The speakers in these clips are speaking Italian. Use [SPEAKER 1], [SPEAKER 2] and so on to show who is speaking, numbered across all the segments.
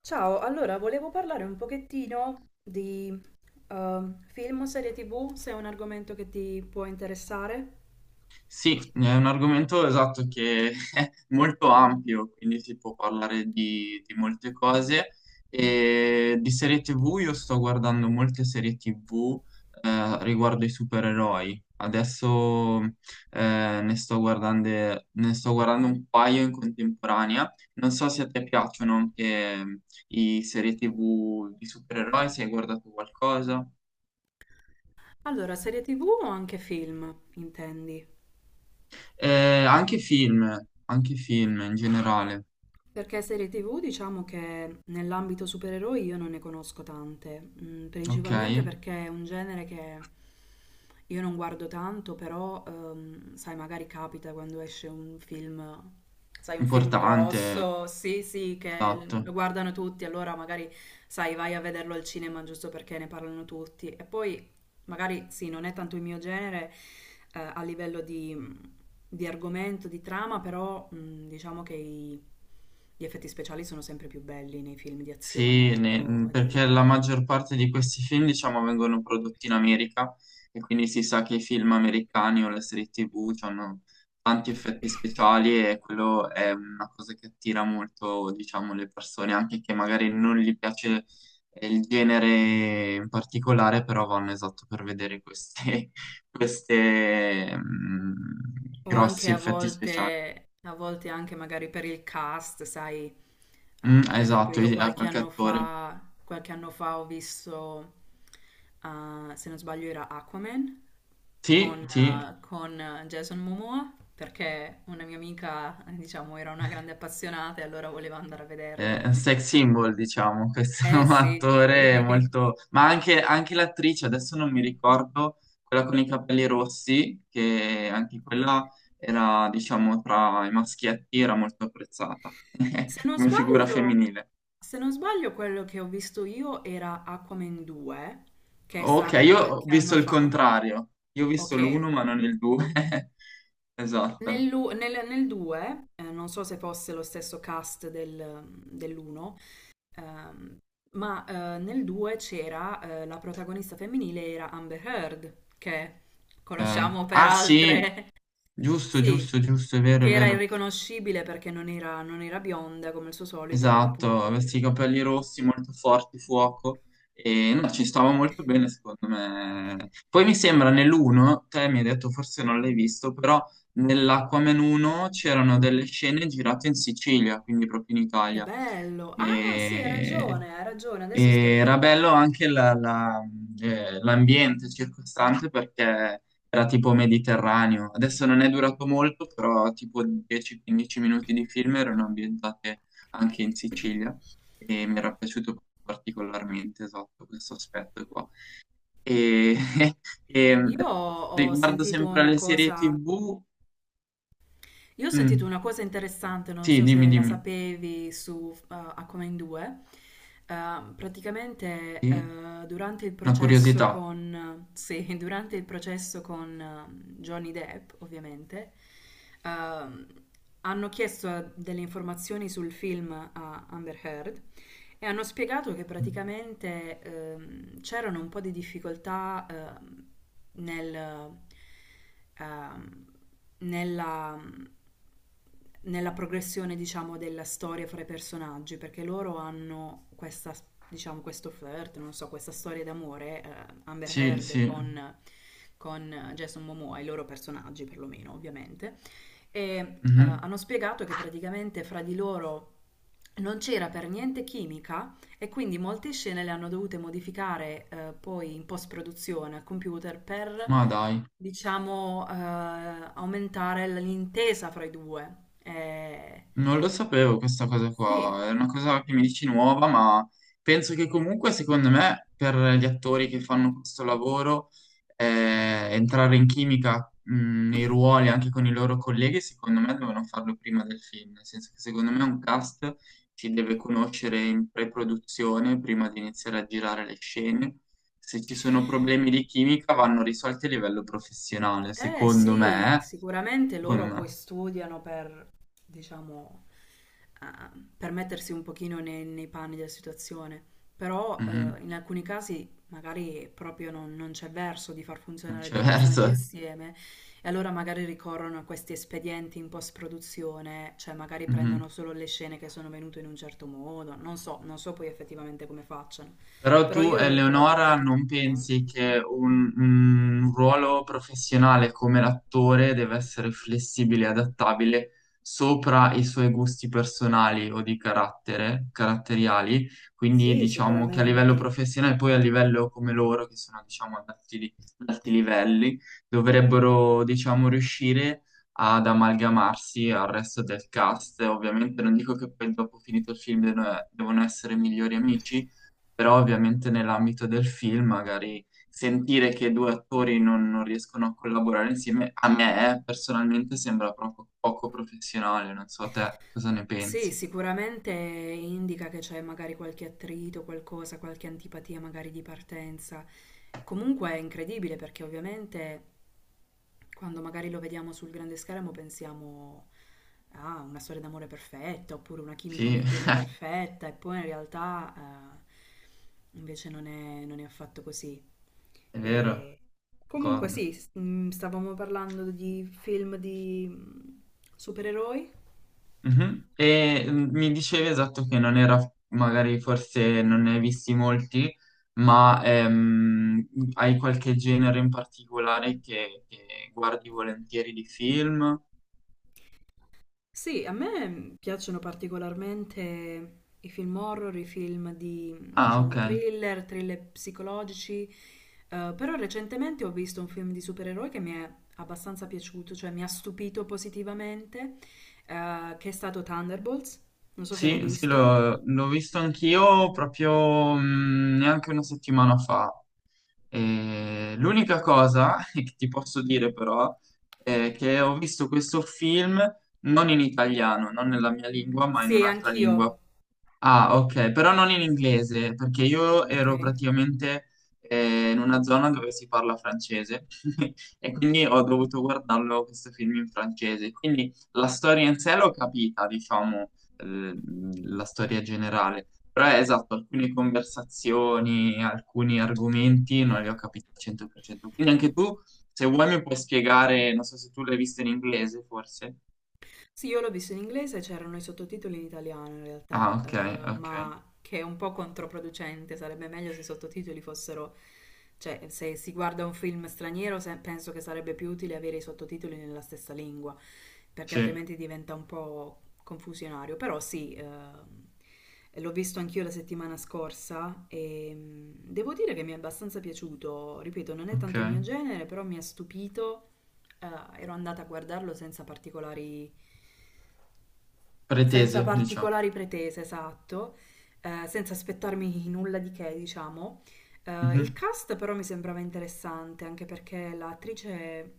[SPEAKER 1] Ciao, allora volevo parlare un pochettino di eh, film o serie TV, se è un argomento che ti può interessare.
[SPEAKER 2] Sì, è un argomento esatto che è molto ampio, quindi si può parlare di molte cose. E di serie TV io sto guardando molte serie TV riguardo ai supereroi. Adesso eh, ne sto guardando, ne sto guardando un paio in contemporanea. Non so se a te piacciono anche i serie TV di supereroi, se hai guardato qualcosa.
[SPEAKER 1] Allora, serie TV o anche film, intendi?
[SPEAKER 2] Eh, anche film, anche film in generale,
[SPEAKER 1] Perché serie TV diciamo che nell'ambito supereroi io non ne conosco tante,
[SPEAKER 2] ok?
[SPEAKER 1] principalmente perché è un genere che io non guardo tanto, però sai, magari capita quando esce un film, sai, un film
[SPEAKER 2] Importante,
[SPEAKER 1] grosso, sì, sì, che lo
[SPEAKER 2] esatto.
[SPEAKER 1] guardano tutti, allora magari sai, vai a vederlo al cinema giusto perché ne parlano tutti. E poi magari sì, non è tanto il mio genere a livello di argomento, di trama, però diciamo che gli effetti speciali sono sempre più belli nei film di
[SPEAKER 2] Sì,
[SPEAKER 1] azione, ecco, o
[SPEAKER 2] perché la maggior parte di questi film, diciamo, vengono prodotti in America e quindi si sa che i film americani o le serie TV hanno tanti effetti speciali e quello è una cosa che attira molto, diciamo, le persone, anche che magari non gli piace il genere in particolare, però vanno esatto per vedere queste, queste, mm,
[SPEAKER 1] o anche
[SPEAKER 2] grossi effetti speciali.
[SPEAKER 1] a volte anche magari per il cast, sai.
[SPEAKER 2] Mm,
[SPEAKER 1] Ah, per esempio,
[SPEAKER 2] esatto,
[SPEAKER 1] io
[SPEAKER 2] a
[SPEAKER 1] qualche
[SPEAKER 2] qualche
[SPEAKER 1] anno
[SPEAKER 2] attore.
[SPEAKER 1] fa, ah, se non sbaglio, era Aquaman
[SPEAKER 2] Sì,
[SPEAKER 1] con,
[SPEAKER 2] sì,
[SPEAKER 1] con, Jason Momoa, perché una mia amica, diciamo, era una grande appassionata e allora voleva andare a
[SPEAKER 2] è
[SPEAKER 1] vederlo.
[SPEAKER 2] un sex symbol, diciamo, questo
[SPEAKER 1] Eh sì,
[SPEAKER 2] attore
[SPEAKER 1] sì.
[SPEAKER 2] molto. Ma anche l'attrice, adesso non mi ricordo, quella con i capelli rossi, che anche quella era, diciamo, tra i maschietti, era molto apprezzata
[SPEAKER 1] Se non
[SPEAKER 2] come figura
[SPEAKER 1] sbaglio,
[SPEAKER 2] femminile.
[SPEAKER 1] se non sbaglio, quello che ho visto io era Aquaman 2, che è
[SPEAKER 2] Ok,
[SPEAKER 1] stato
[SPEAKER 2] io ho
[SPEAKER 1] qualche anno
[SPEAKER 2] visto il
[SPEAKER 1] fa.
[SPEAKER 2] contrario, io ho visto
[SPEAKER 1] Ok.
[SPEAKER 2] l'uno ma non il due. Esatto.
[SPEAKER 1] Nel 2, non so se fosse lo stesso cast dell'1, ma nel 2 c'era la protagonista femminile era Amber Heard, che
[SPEAKER 2] Ok.
[SPEAKER 1] conosciamo per
[SPEAKER 2] Ah, sì,
[SPEAKER 1] altre...
[SPEAKER 2] giusto,
[SPEAKER 1] Sì,
[SPEAKER 2] giusto, giusto, è vero,
[SPEAKER 1] che
[SPEAKER 2] è
[SPEAKER 1] era
[SPEAKER 2] vero.
[SPEAKER 1] irriconoscibile perché non era, non era bionda come il suo solito, appunto.
[SPEAKER 2] Esatto, questi capelli rossi molto forti, fuoco, e no, ci stava molto bene secondo me. Poi mi sembra nell'uno, te mi hai detto forse non l'hai visto, però nell'Aquaman 1 c'erano delle scene girate in Sicilia, quindi proprio in
[SPEAKER 1] Che
[SPEAKER 2] Italia.
[SPEAKER 1] bello! Ah, sì,
[SPEAKER 2] E
[SPEAKER 1] hai ragione, adesso sto
[SPEAKER 2] e era bello
[SPEAKER 1] ricordando.
[SPEAKER 2] anche l'ambiente circostante perché era tipo mediterraneo. Adesso non è durato molto, però tipo 10-15 minuti di film erano ambientate anche in Sicilia e mi era piaciuto particolarmente, esatto, questo aspetto qua. E, e mm,
[SPEAKER 1] Io ho
[SPEAKER 2] Riguardo
[SPEAKER 1] sentito
[SPEAKER 2] sempre
[SPEAKER 1] una
[SPEAKER 2] alle serie
[SPEAKER 1] cosa
[SPEAKER 2] TV,
[SPEAKER 1] Io ho sentito
[SPEAKER 2] mm,
[SPEAKER 1] una cosa interessante, non
[SPEAKER 2] sì,
[SPEAKER 1] so
[SPEAKER 2] dimmi,
[SPEAKER 1] se la
[SPEAKER 2] dimmi,
[SPEAKER 1] sapevi, su A Come in Due. Praticamente
[SPEAKER 2] sì,
[SPEAKER 1] durante il
[SPEAKER 2] una
[SPEAKER 1] processo
[SPEAKER 2] curiosità.
[SPEAKER 1] con, sì, durante il processo con Johnny Depp, ovviamente, ehm, hanno chiesto delle informazioni sul film a Amber Heard e hanno spiegato che
[SPEAKER 2] Mm,
[SPEAKER 1] praticamente c'erano un po' di difficoltà nel, ehm, nella, nella progressione, diciamo, della storia fra i personaggi, perché loro hanno questa, diciamo, questo flirt, non so, questa storia d'amore, Amber
[SPEAKER 2] sì,
[SPEAKER 1] Heard
[SPEAKER 2] sì,
[SPEAKER 1] con Jason Momoa, i loro personaggi perlomeno, ovviamente e
[SPEAKER 2] mhm,
[SPEAKER 1] hanno spiegato che praticamente fra di loro non c'era per niente chimica e quindi molte scene le hanno dovute modificare poi in post-produzione al computer per,
[SPEAKER 2] ma dai.
[SPEAKER 1] diciamo, aumentare l'intesa fra i due. Eh,
[SPEAKER 2] Non lo sapevo questa cosa
[SPEAKER 1] sì,
[SPEAKER 2] qua, è una cosa che mi dici nuova, ma penso che comunque, secondo me, per gli attori che fanno questo lavoro, entrare in chimica, nei ruoli anche con i loro colleghi, secondo me devono farlo prima del film, nel senso che secondo me un cast si deve conoscere in pre-produzione prima di iniziare a girare le scene. Se ci sono problemi di chimica vanno risolti a livello professionale,
[SPEAKER 1] Eh
[SPEAKER 2] secondo
[SPEAKER 1] sì,
[SPEAKER 2] me, eh.
[SPEAKER 1] sicuramente
[SPEAKER 2] Secondo
[SPEAKER 1] loro poi
[SPEAKER 2] me.
[SPEAKER 1] studiano per, diciamo, per mettersi un pochino nei, nei panni della situazione, però
[SPEAKER 2] Mhm.
[SPEAKER 1] in alcuni casi magari proprio non, non c'è verso di far
[SPEAKER 2] Non
[SPEAKER 1] funzionare
[SPEAKER 2] c'è
[SPEAKER 1] due personaggi
[SPEAKER 2] verso.
[SPEAKER 1] insieme e allora magari ricorrono a questi espedienti in post-produzione, cioè magari
[SPEAKER 2] Mhm.
[SPEAKER 1] prendono solo le scene che sono venute in un certo modo, non so, non so poi
[SPEAKER 2] Certo.
[SPEAKER 1] effettivamente come facciano,
[SPEAKER 2] Però
[SPEAKER 1] però
[SPEAKER 2] tu,
[SPEAKER 1] io l'ho trovato un
[SPEAKER 2] Eleonora,
[SPEAKER 1] fatto interessante.
[SPEAKER 2] non pensi che un ruolo professionale come l'attore deve essere flessibile e adattabile sopra i suoi gusti personali o di carattere, caratteriali? Quindi
[SPEAKER 1] Sì,
[SPEAKER 2] diciamo che a livello
[SPEAKER 1] sicuramente.
[SPEAKER 2] professionale, poi a livello come loro, che sono diciamo ad alti livelli, dovrebbero diciamo riuscire ad amalgamarsi al resto del cast. Ovviamente non dico che poi dopo finito il film devono essere migliori amici, però ovviamente nell'ambito del film magari sentire che due attori non riescono a collaborare insieme, a me personalmente sembra proprio poco professionale, non so te cosa ne
[SPEAKER 1] Sì,
[SPEAKER 2] pensi.
[SPEAKER 1] sicuramente indica che c'è magari qualche attrito, qualcosa, qualche antipatia magari di partenza. Comunque è incredibile perché ovviamente quando magari lo vediamo sul grande schermo pensiamo a una storia d'amore perfetta oppure una chimica,
[SPEAKER 2] Sì,
[SPEAKER 1] un'intesa perfetta e poi in realtà invece non è, non è affatto così.
[SPEAKER 2] è vero,
[SPEAKER 1] E Comunque
[SPEAKER 2] d'accordo.
[SPEAKER 1] sì, stavamo parlando di film di supereroi.
[SPEAKER 2] Mhm. E mi dicevi esatto che non era, magari forse non ne hai visti molti, ma hai qualche genere in particolare che guardi volentieri di film?
[SPEAKER 1] Sì, a me piacciono particolarmente i film horror, i film di,
[SPEAKER 2] Ah, ok.
[SPEAKER 1] diciamo, thriller, thriller psicologici, però recentemente ho visto un film di supereroi che mi è abbastanza piaciuto, cioè mi ha stupito positivamente, che è stato Thunderbolts. Non so se l'hai
[SPEAKER 2] Sì, sì,
[SPEAKER 1] visto.
[SPEAKER 2] l'ho visto anch'io proprio neanche una settimana fa. E l'unica cosa che ti posso dire però è che ho visto questo film non in italiano, non nella mia lingua, ma in
[SPEAKER 1] Sì,
[SPEAKER 2] un'altra
[SPEAKER 1] anch'io.
[SPEAKER 2] lingua. Ah, ok, però non in inglese, perché io ero
[SPEAKER 1] Ok.
[SPEAKER 2] praticamente in una zona dove si parla francese e quindi ho dovuto guardarlo questo film in francese. Quindi la storia in sé l'ho capita, diciamo, eh, la storia generale, però è esatto, alcune conversazioni, alcuni argomenti non li ho capiti al 100%. Quindi anche tu, se vuoi, mi puoi spiegare, non so se tu l'hai visto in inglese, forse.
[SPEAKER 1] Sì, io l'ho visto in inglese, c'erano i sottotitoli in italiano in realtà,
[SPEAKER 2] Ah, ok, ok,
[SPEAKER 1] ma che è un po' controproducente, sarebbe meglio se i sottotitoli fossero, cioè se si guarda un film straniero penso che sarebbe più utile avere i sottotitoli nella stessa lingua, perché
[SPEAKER 2] sì,
[SPEAKER 1] altrimenti diventa un po' confusionario. Però sì, l'ho visto anch'io la settimana scorsa e devo dire che mi è abbastanza piaciuto, ripeto, non è
[SPEAKER 2] ok.
[SPEAKER 1] tanto il mio genere, però mi ha stupito ero andata a guardarlo senza particolari, senza
[SPEAKER 2] Pretese, diciamo.
[SPEAKER 1] particolari pretese, esatto, senza aspettarmi nulla di che, diciamo. Il
[SPEAKER 2] Mhm.
[SPEAKER 1] cast però mi sembrava interessante, anche perché l'attrice,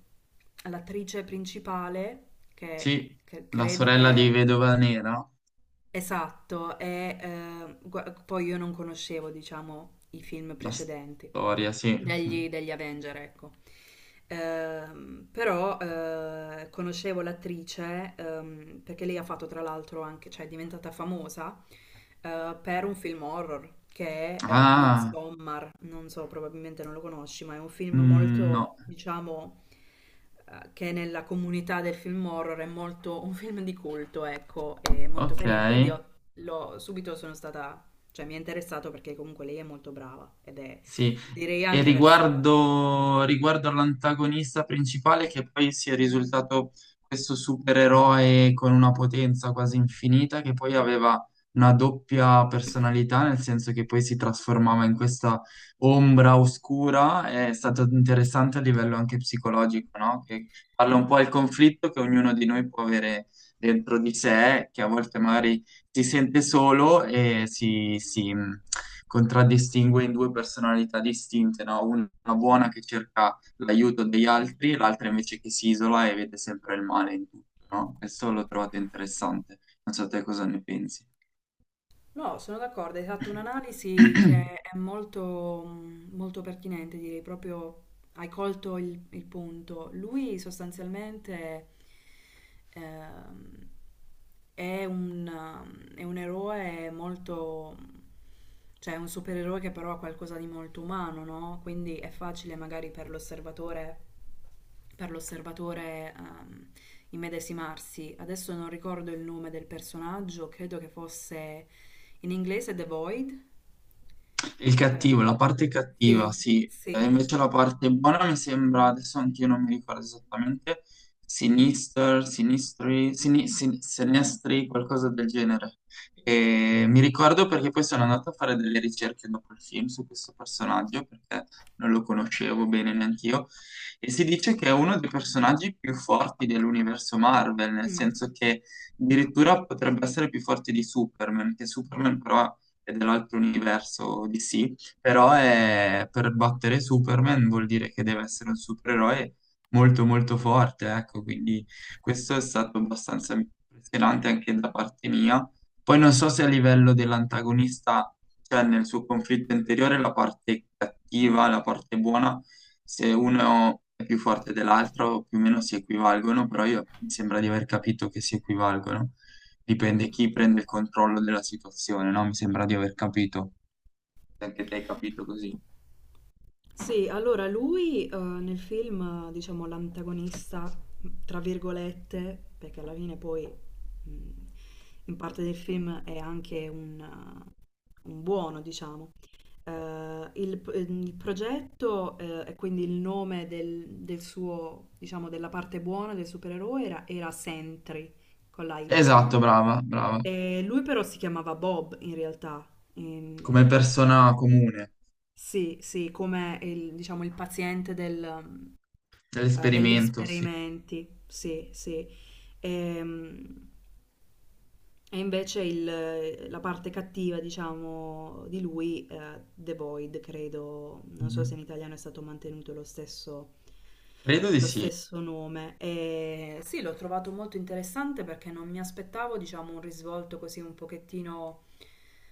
[SPEAKER 1] l'attrice principale,
[SPEAKER 2] Sì,
[SPEAKER 1] che
[SPEAKER 2] la
[SPEAKER 1] credo
[SPEAKER 2] sorella di
[SPEAKER 1] che...
[SPEAKER 2] Vedova Nera,
[SPEAKER 1] Esatto, è, poi io non conoscevo, diciamo, i film
[SPEAKER 2] la
[SPEAKER 1] precedenti
[SPEAKER 2] storia, sì, sì.
[SPEAKER 1] degli, degli Avenger, ecco. Però conoscevo l'attrice perché lei ha fatto tra l'altro anche, cioè è diventata famosa per un film horror che è
[SPEAKER 2] Ah,
[SPEAKER 1] Midsommar, non so, probabilmente non lo conosci, ma è un film
[SPEAKER 2] mm,
[SPEAKER 1] molto,
[SPEAKER 2] no,
[SPEAKER 1] diciamo, che nella comunità del film horror è molto un film di culto, ecco, è molto
[SPEAKER 2] ok.
[SPEAKER 1] carino. Quindi subito sono stata, cioè mi è interessato perché comunque lei è molto brava ed è
[SPEAKER 2] Sì,
[SPEAKER 1] direi
[SPEAKER 2] e
[SPEAKER 1] anche versatile.
[SPEAKER 2] riguardo all'antagonista principale che poi si è risultato questo supereroe con una potenza quasi infinita che poi aveva una doppia personalità, nel senso che poi si trasformava in questa ombra oscura, è stato interessante a livello anche psicologico, no? Che parla un po' del conflitto che ognuno di noi può avere dentro di sé, che a volte magari si sente solo e si contraddistingue in due personalità distinte, no? Una buona che cerca l'aiuto degli altri, e l'altra invece che si isola e vede sempre il male in tutto, no? Questo l'ho trovato interessante. Non so te cosa ne pensi.
[SPEAKER 1] No, sono d'accordo, hai fatto un'analisi che è molto, molto pertinente, direi proprio hai colto il punto. Lui sostanzialmente ehm, è un eroe molto, cioè è un supereroe che però ha qualcosa di molto umano, no? Quindi è facile magari per l'osservatore per l'osservatore ehm, immedesimarsi. Adesso non ricordo il nome del personaggio, credo che fosse in inglese The Void?
[SPEAKER 2] Il
[SPEAKER 1] Eh,
[SPEAKER 2] cattivo, la parte cattiva,
[SPEAKER 1] sì,
[SPEAKER 2] sì. E
[SPEAKER 1] sì.
[SPEAKER 2] invece la parte buona mi sembra, adesso anch'io non mi ricordo esattamente, Sinister, Sinistri, Sinestri, qualcosa del genere. E mi ricordo perché poi sono andato a fare delle ricerche dopo il film su questo personaggio, perché non lo conoscevo bene neanche io, e si dice che è uno dei personaggi più forti dell'universo Marvel, nel
[SPEAKER 1] Mm.
[SPEAKER 2] senso che addirittura potrebbe essere più forte di Superman, che Superman però e dell'altro universo DC, però per battere Superman vuol dire che deve essere un supereroe molto molto forte, ecco, quindi questo è stato abbastanza impressionante anche da parte mia. Poi non so se a livello dell'antagonista, cioè nel suo conflitto interiore, la parte cattiva, la parte buona, se uno è più forte dell'altro, più o meno si equivalgono, però io mi sembra di aver capito che si equivalgono. Dipende chi prende il controllo della situazione, no? Mi sembra di aver capito. Anche te hai capito così.
[SPEAKER 1] Sì, allora lui nel film, diciamo, l'antagonista, tra virgolette, perché alla fine poi in parte del film è anche un buono, diciamo. Il progetto e quindi il nome del, del suo, diciamo, della parte buona del supereroe era, era Sentry con la Y.
[SPEAKER 2] Esatto, brava, brava.
[SPEAKER 1] E lui però si chiamava Bob in realtà.
[SPEAKER 2] Come
[SPEAKER 1] Ehm,
[SPEAKER 2] persona comune,
[SPEAKER 1] sì, sì, come il, diciamo, il paziente del, degli
[SPEAKER 2] dell'esperimento, sì.
[SPEAKER 1] esperimenti, sì, sì. Ehm, invece la parte cattiva, diciamo, di lui, The Void, credo, non so se
[SPEAKER 2] Mhm.
[SPEAKER 1] in italiano è stato mantenuto
[SPEAKER 2] Credo di
[SPEAKER 1] lo
[SPEAKER 2] sì.
[SPEAKER 1] stesso nome. E sì, l'ho trovato molto interessante perché non mi aspettavo, diciamo, un risvolto così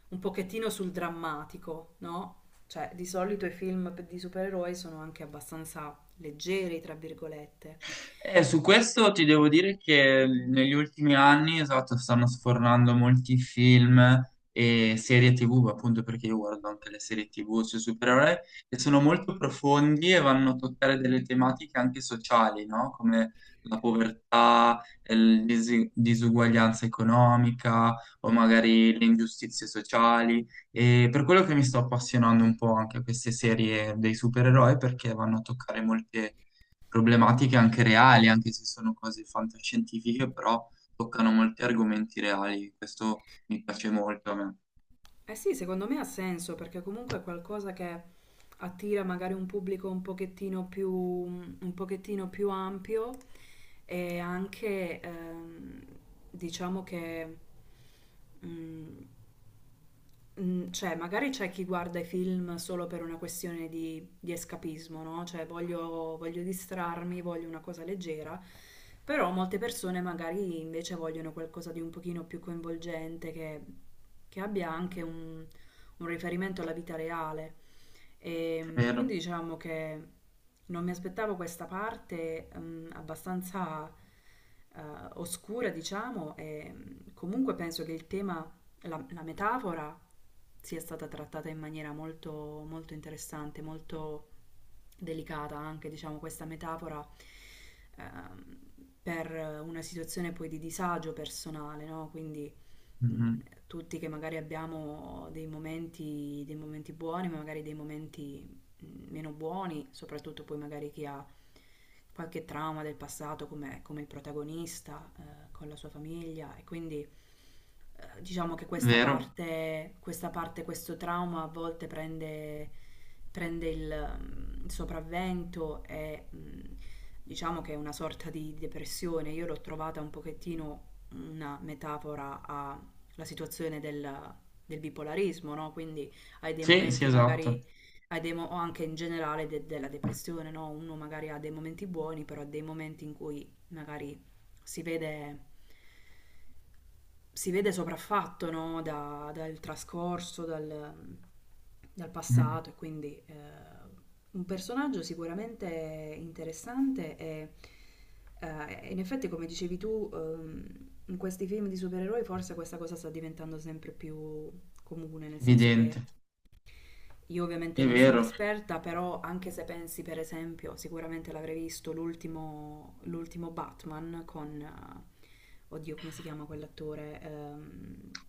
[SPEAKER 1] un pochettino sul drammatico, no? Cioè, di solito i film di supereroi sono anche abbastanza leggeri, tra virgolette.
[SPEAKER 2] Su questo ti devo dire che negli ultimi anni, esatto, stanno sfornando molti film e serie TV, ma appunto perché io guardo anche le serie TV sui supereroi, che sono molto profondi e vanno a toccare delle tematiche anche sociali, no? Come la povertà, la disuguaglianza economica o magari le ingiustizie sociali. E per quello che mi sto appassionando un po' anche a queste serie dei supereroi, perché vanno a toccare molte problematiche anche reali, anche se sono cose fantascientifiche, però toccano molti argomenti reali. Questo mi piace molto a me.
[SPEAKER 1] Eh sì, secondo me ha senso perché comunque è qualcosa che attira magari un pubblico un pochettino più ampio e anche diciamo che mm, cioè, magari c'è chi guarda i film solo per una questione di escapismo, no? Cioè, voglio, voglio distrarmi, voglio una cosa leggera, però molte persone magari invece vogliono qualcosa di un pochino più coinvolgente, che abbia anche un riferimento alla vita reale. Quindi
[SPEAKER 2] Vero.
[SPEAKER 1] diciamo che non mi aspettavo questa parte, abbastanza, eh, oscura, diciamo, e comunque penso che il tema, la metafora sia stata trattata in maniera molto, molto interessante, molto delicata anche, diciamo, questa metafora ehm, per una situazione poi di disagio personale, no? Quindi mh,
[SPEAKER 2] Mhm.
[SPEAKER 1] tutti che magari abbiamo dei momenti buoni, ma magari dei momenti meno buoni, soprattutto poi magari chi ha qualche trauma del passato come, come il protagonista con la sua famiglia e quindi diciamo che
[SPEAKER 2] Vero.
[SPEAKER 1] questa parte, questo trauma a volte prende, prende il, il sopravvento e diciamo che è una sorta di depressione. Io l'ho trovata un pochettino una metafora a la situazione del, del bipolarismo, no? Quindi hai dei
[SPEAKER 2] Sì, sì,
[SPEAKER 1] momenti
[SPEAKER 2] esatto.
[SPEAKER 1] magari, hai dei o anche in generale della depressione, no? Uno magari ha dei momenti buoni, però ha dei momenti in cui magari si vede si vede sopraffatto, no, dal trascorso, dal, dal
[SPEAKER 2] Mhm.
[SPEAKER 1] passato e quindi un personaggio sicuramente interessante e in effetti come dicevi tu in questi film di supereroi forse questa cosa sta diventando sempre più comune, nel senso che
[SPEAKER 2] Evidente,
[SPEAKER 1] io ovviamente
[SPEAKER 2] è
[SPEAKER 1] non sono
[SPEAKER 2] vero.
[SPEAKER 1] un'esperta, però anche se pensi per esempio, sicuramente l'avrei visto l'ultimo l'ultimo Batman con oddio, come si chiama quell'attore?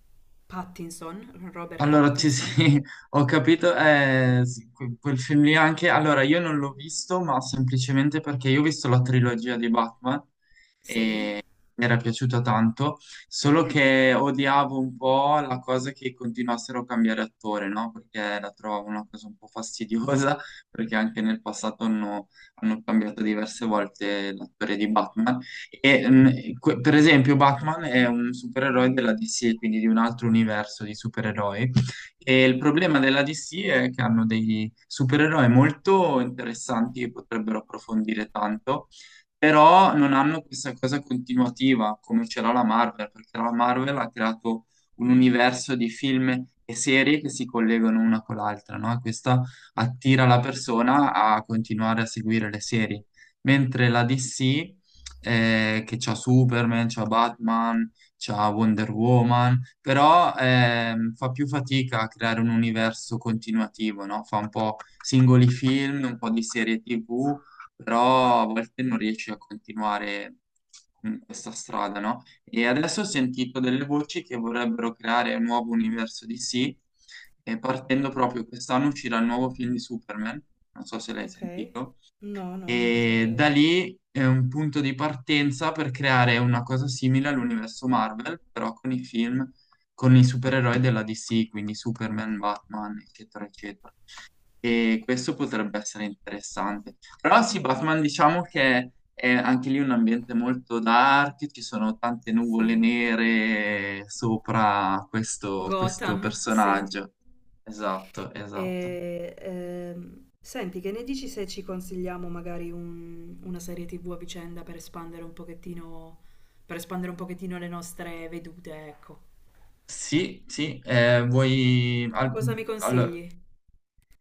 [SPEAKER 1] Pattinson, Robert
[SPEAKER 2] Allora, sì,
[SPEAKER 1] Pattinson.
[SPEAKER 2] sì, ho capito, sì, quel film lì anche, allora io non l'ho visto, ma semplicemente perché io ho visto la trilogia di Batman,
[SPEAKER 1] Sì.
[SPEAKER 2] mi era piaciuta tanto, solo che odiavo un po' la cosa che continuassero a cambiare attore, no? Perché la trovavo una cosa un po' fastidiosa, perché anche nel passato hanno cambiato diverse volte l'attore di Batman. E, mh, per esempio, Batman è un supereroe della DC, quindi di un altro universo di supereroi. E il problema della DC è che hanno dei supereroi molto interessanti che potrebbero approfondire tanto, però non hanno questa cosa continuativa come ce l'ha la Marvel, perché la Marvel ha creato un universo di film e serie che si collegano una con l'altra, no? E questa attira la persona a continuare a seguire le serie, mentre la DC, che c'ha Superman, c'ha Batman, c'ha Wonder Woman, però fa più fatica a creare un universo continuativo, no? Fa un po' singoli film, un po' di serie TV, però a volte non riesci a continuare in questa strada, no? E adesso ho sentito delle voci che vorrebbero creare un nuovo universo DC, e partendo proprio quest'anno uscirà il nuovo film di Superman, non so se l'hai
[SPEAKER 1] Ok.
[SPEAKER 2] sentito,
[SPEAKER 1] No, no, non lo
[SPEAKER 2] e da
[SPEAKER 1] sapevo.
[SPEAKER 2] lì è un punto di partenza per creare una cosa simile all'universo Marvel, però con i film, con i supereroi della DC, quindi Superman, Batman, eccetera, eccetera. E questo potrebbe essere interessante. Però sì, Batman diciamo che è anche lì un ambiente molto dark, ci sono tante nuvole
[SPEAKER 1] Sì.
[SPEAKER 2] nere sopra questo,
[SPEAKER 1] Gotham, sì.
[SPEAKER 2] personaggio. Esatto, esatto.
[SPEAKER 1] E, senti, che ne dici se ci consigliamo magari una serie TV a vicenda per espandere un pochettino, per espandere un pochettino le nostre vedute, ecco.
[SPEAKER 2] Sì, sì,
[SPEAKER 1] Cosa mi
[SPEAKER 2] allora,
[SPEAKER 1] consigli?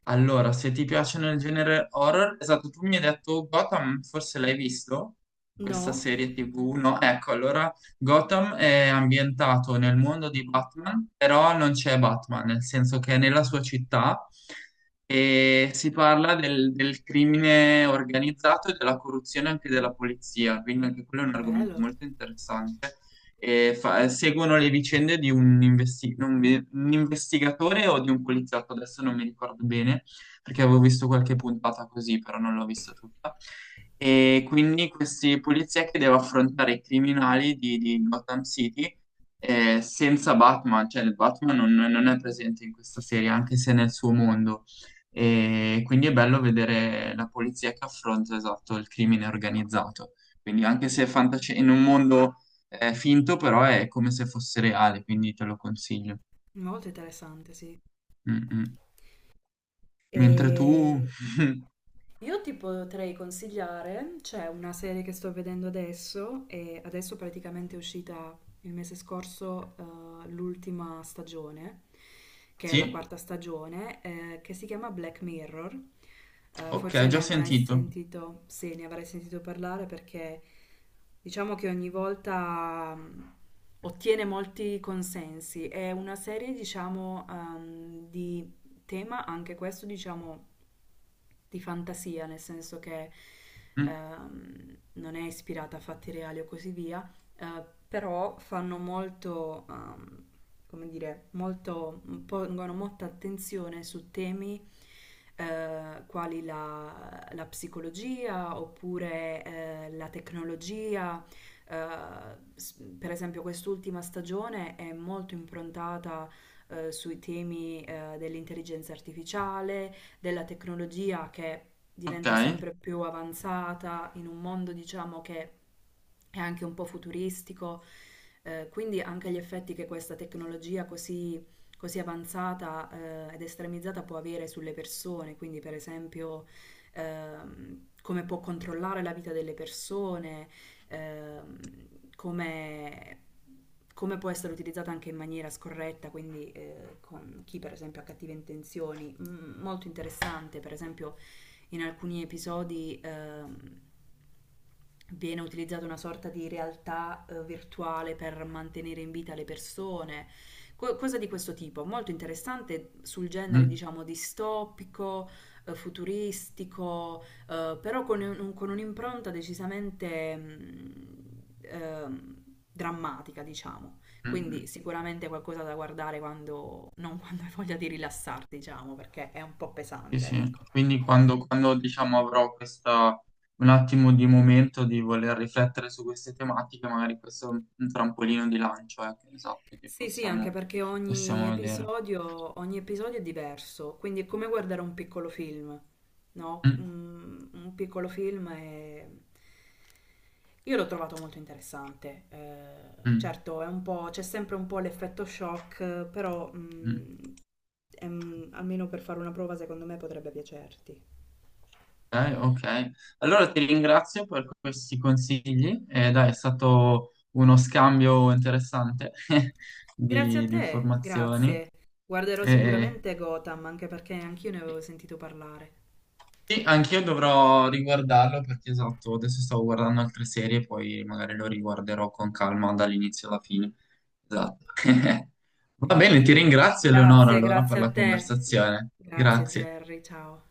[SPEAKER 2] Allora, se ti piacciono il genere horror, esatto, tu mi hai detto Gotham, forse l'hai visto? Questa
[SPEAKER 1] No?
[SPEAKER 2] serie TV, no? Ecco, allora Gotham è ambientato nel mondo di Batman, però non c'è Batman, nel senso che è nella sua città e si parla del crimine organizzato e della corruzione anche della polizia, quindi anche quello è un argomento
[SPEAKER 1] Bello,
[SPEAKER 2] molto interessante e seguono le vicende di un, investi- non mi- un investigatore o di un poliziotto, adesso non mi ricordo bene, perché avevo visto qualche puntata così, però non l'ho vista tutta. E quindi questi polizia che deve affrontare i criminali di Gotham City senza Batman, cioè il Batman non è presente in questa serie, anche se è nel suo mondo. E quindi è bello vedere la polizia che affronta, esatto, il crimine organizzato. Quindi anche se è fantascienza, in un mondo è finto, però è come se fosse reale, quindi te lo consiglio.
[SPEAKER 1] molto interessante, sì.
[SPEAKER 2] Mm, mm. Mentre tu...
[SPEAKER 1] E Io ti potrei consigliare, c'è una serie che sto vedendo adesso e adesso praticamente è uscita il mese scorso l'ultima stagione, che è la
[SPEAKER 2] Sì,
[SPEAKER 1] quarta stagione, che si chiama Black Mirror.
[SPEAKER 2] ok,
[SPEAKER 1] Forse ne
[SPEAKER 2] già
[SPEAKER 1] avrai
[SPEAKER 2] sentito.
[SPEAKER 1] sentito, sì, ne avrai sentito parlare perché diciamo che ogni volta ottiene molti consensi. È una serie, diciamo, di tema anche questo, diciamo, di fantasia, nel senso che
[SPEAKER 2] Mm,
[SPEAKER 1] non è ispirata a fatti reali o così via, però fanno molto, come dire, molto, pongono molta attenzione su temi quali la, la psicologia oppure la tecnologia. Per esempio, quest'ultima stagione è molto improntata sui temi dell'intelligenza artificiale, della tecnologia che
[SPEAKER 2] ok.
[SPEAKER 1] diventa sempre più avanzata in un mondo, diciamo, che è anche un po' futuristico. Quindi anche gli effetti che questa tecnologia così, così avanzata ed estremizzata può avere sulle persone, quindi per esempio come può controllare la vita delle persone, ehm, come, come può essere utilizzata anche in maniera scorretta, quindi con chi per esempio ha cattive intenzioni. Molto interessante, per esempio in alcuni episodi viene utilizzata una sorta di realtà virtuale per mantenere in vita le persone, cosa di questo tipo, molto interessante sul genere,
[SPEAKER 2] Mm,
[SPEAKER 1] diciamo, distopico, futuristico, però con, con un'impronta decisamente drammatica, diciamo.
[SPEAKER 2] mm, mm.
[SPEAKER 1] Quindi sicuramente qualcosa da guardare quando, non quando hai voglia di rilassarti, diciamo, perché è un po'
[SPEAKER 2] Sì,
[SPEAKER 1] pesante,
[SPEAKER 2] sì.
[SPEAKER 1] ecco.
[SPEAKER 2] Quindi diciamo, un attimo di momento di voler riflettere su queste tematiche, magari questo è un trampolino di lancio, ecco, esatto, che
[SPEAKER 1] Sì, sì, anche
[SPEAKER 2] possiamo,
[SPEAKER 1] perché
[SPEAKER 2] possiamo vedere.
[SPEAKER 1] ogni episodio è diverso, quindi è come guardare un piccolo film, no?
[SPEAKER 2] Mm,
[SPEAKER 1] Un piccolo film è... Io l'ho trovato molto interessante,
[SPEAKER 2] mm,
[SPEAKER 1] certo è un po', c'è sempre un po' l'effetto shock, però
[SPEAKER 2] mm.
[SPEAKER 1] è almeno per fare una prova secondo me potrebbe piacerti.
[SPEAKER 2] Ok. Ok. Allora ti ringrazio per questi consigli. Dai, è stato uno scambio interessante
[SPEAKER 1] Grazie a
[SPEAKER 2] di
[SPEAKER 1] te,
[SPEAKER 2] informazioni.
[SPEAKER 1] grazie. Guarderò
[SPEAKER 2] Eh,
[SPEAKER 1] sicuramente Gotham, anche perché anch'io ne avevo sentito parlare.
[SPEAKER 2] sì, anch'io dovrò riguardarlo perché esatto, adesso stavo guardando altre serie, poi magari lo riguarderò con calma dall'inizio alla fine. Esatto. Va bene, ti ringrazio Eleonora
[SPEAKER 1] Grazie,
[SPEAKER 2] allora per
[SPEAKER 1] grazie a
[SPEAKER 2] la
[SPEAKER 1] te.
[SPEAKER 2] conversazione.
[SPEAKER 1] Grazie
[SPEAKER 2] Grazie.
[SPEAKER 1] Gerry, ciao.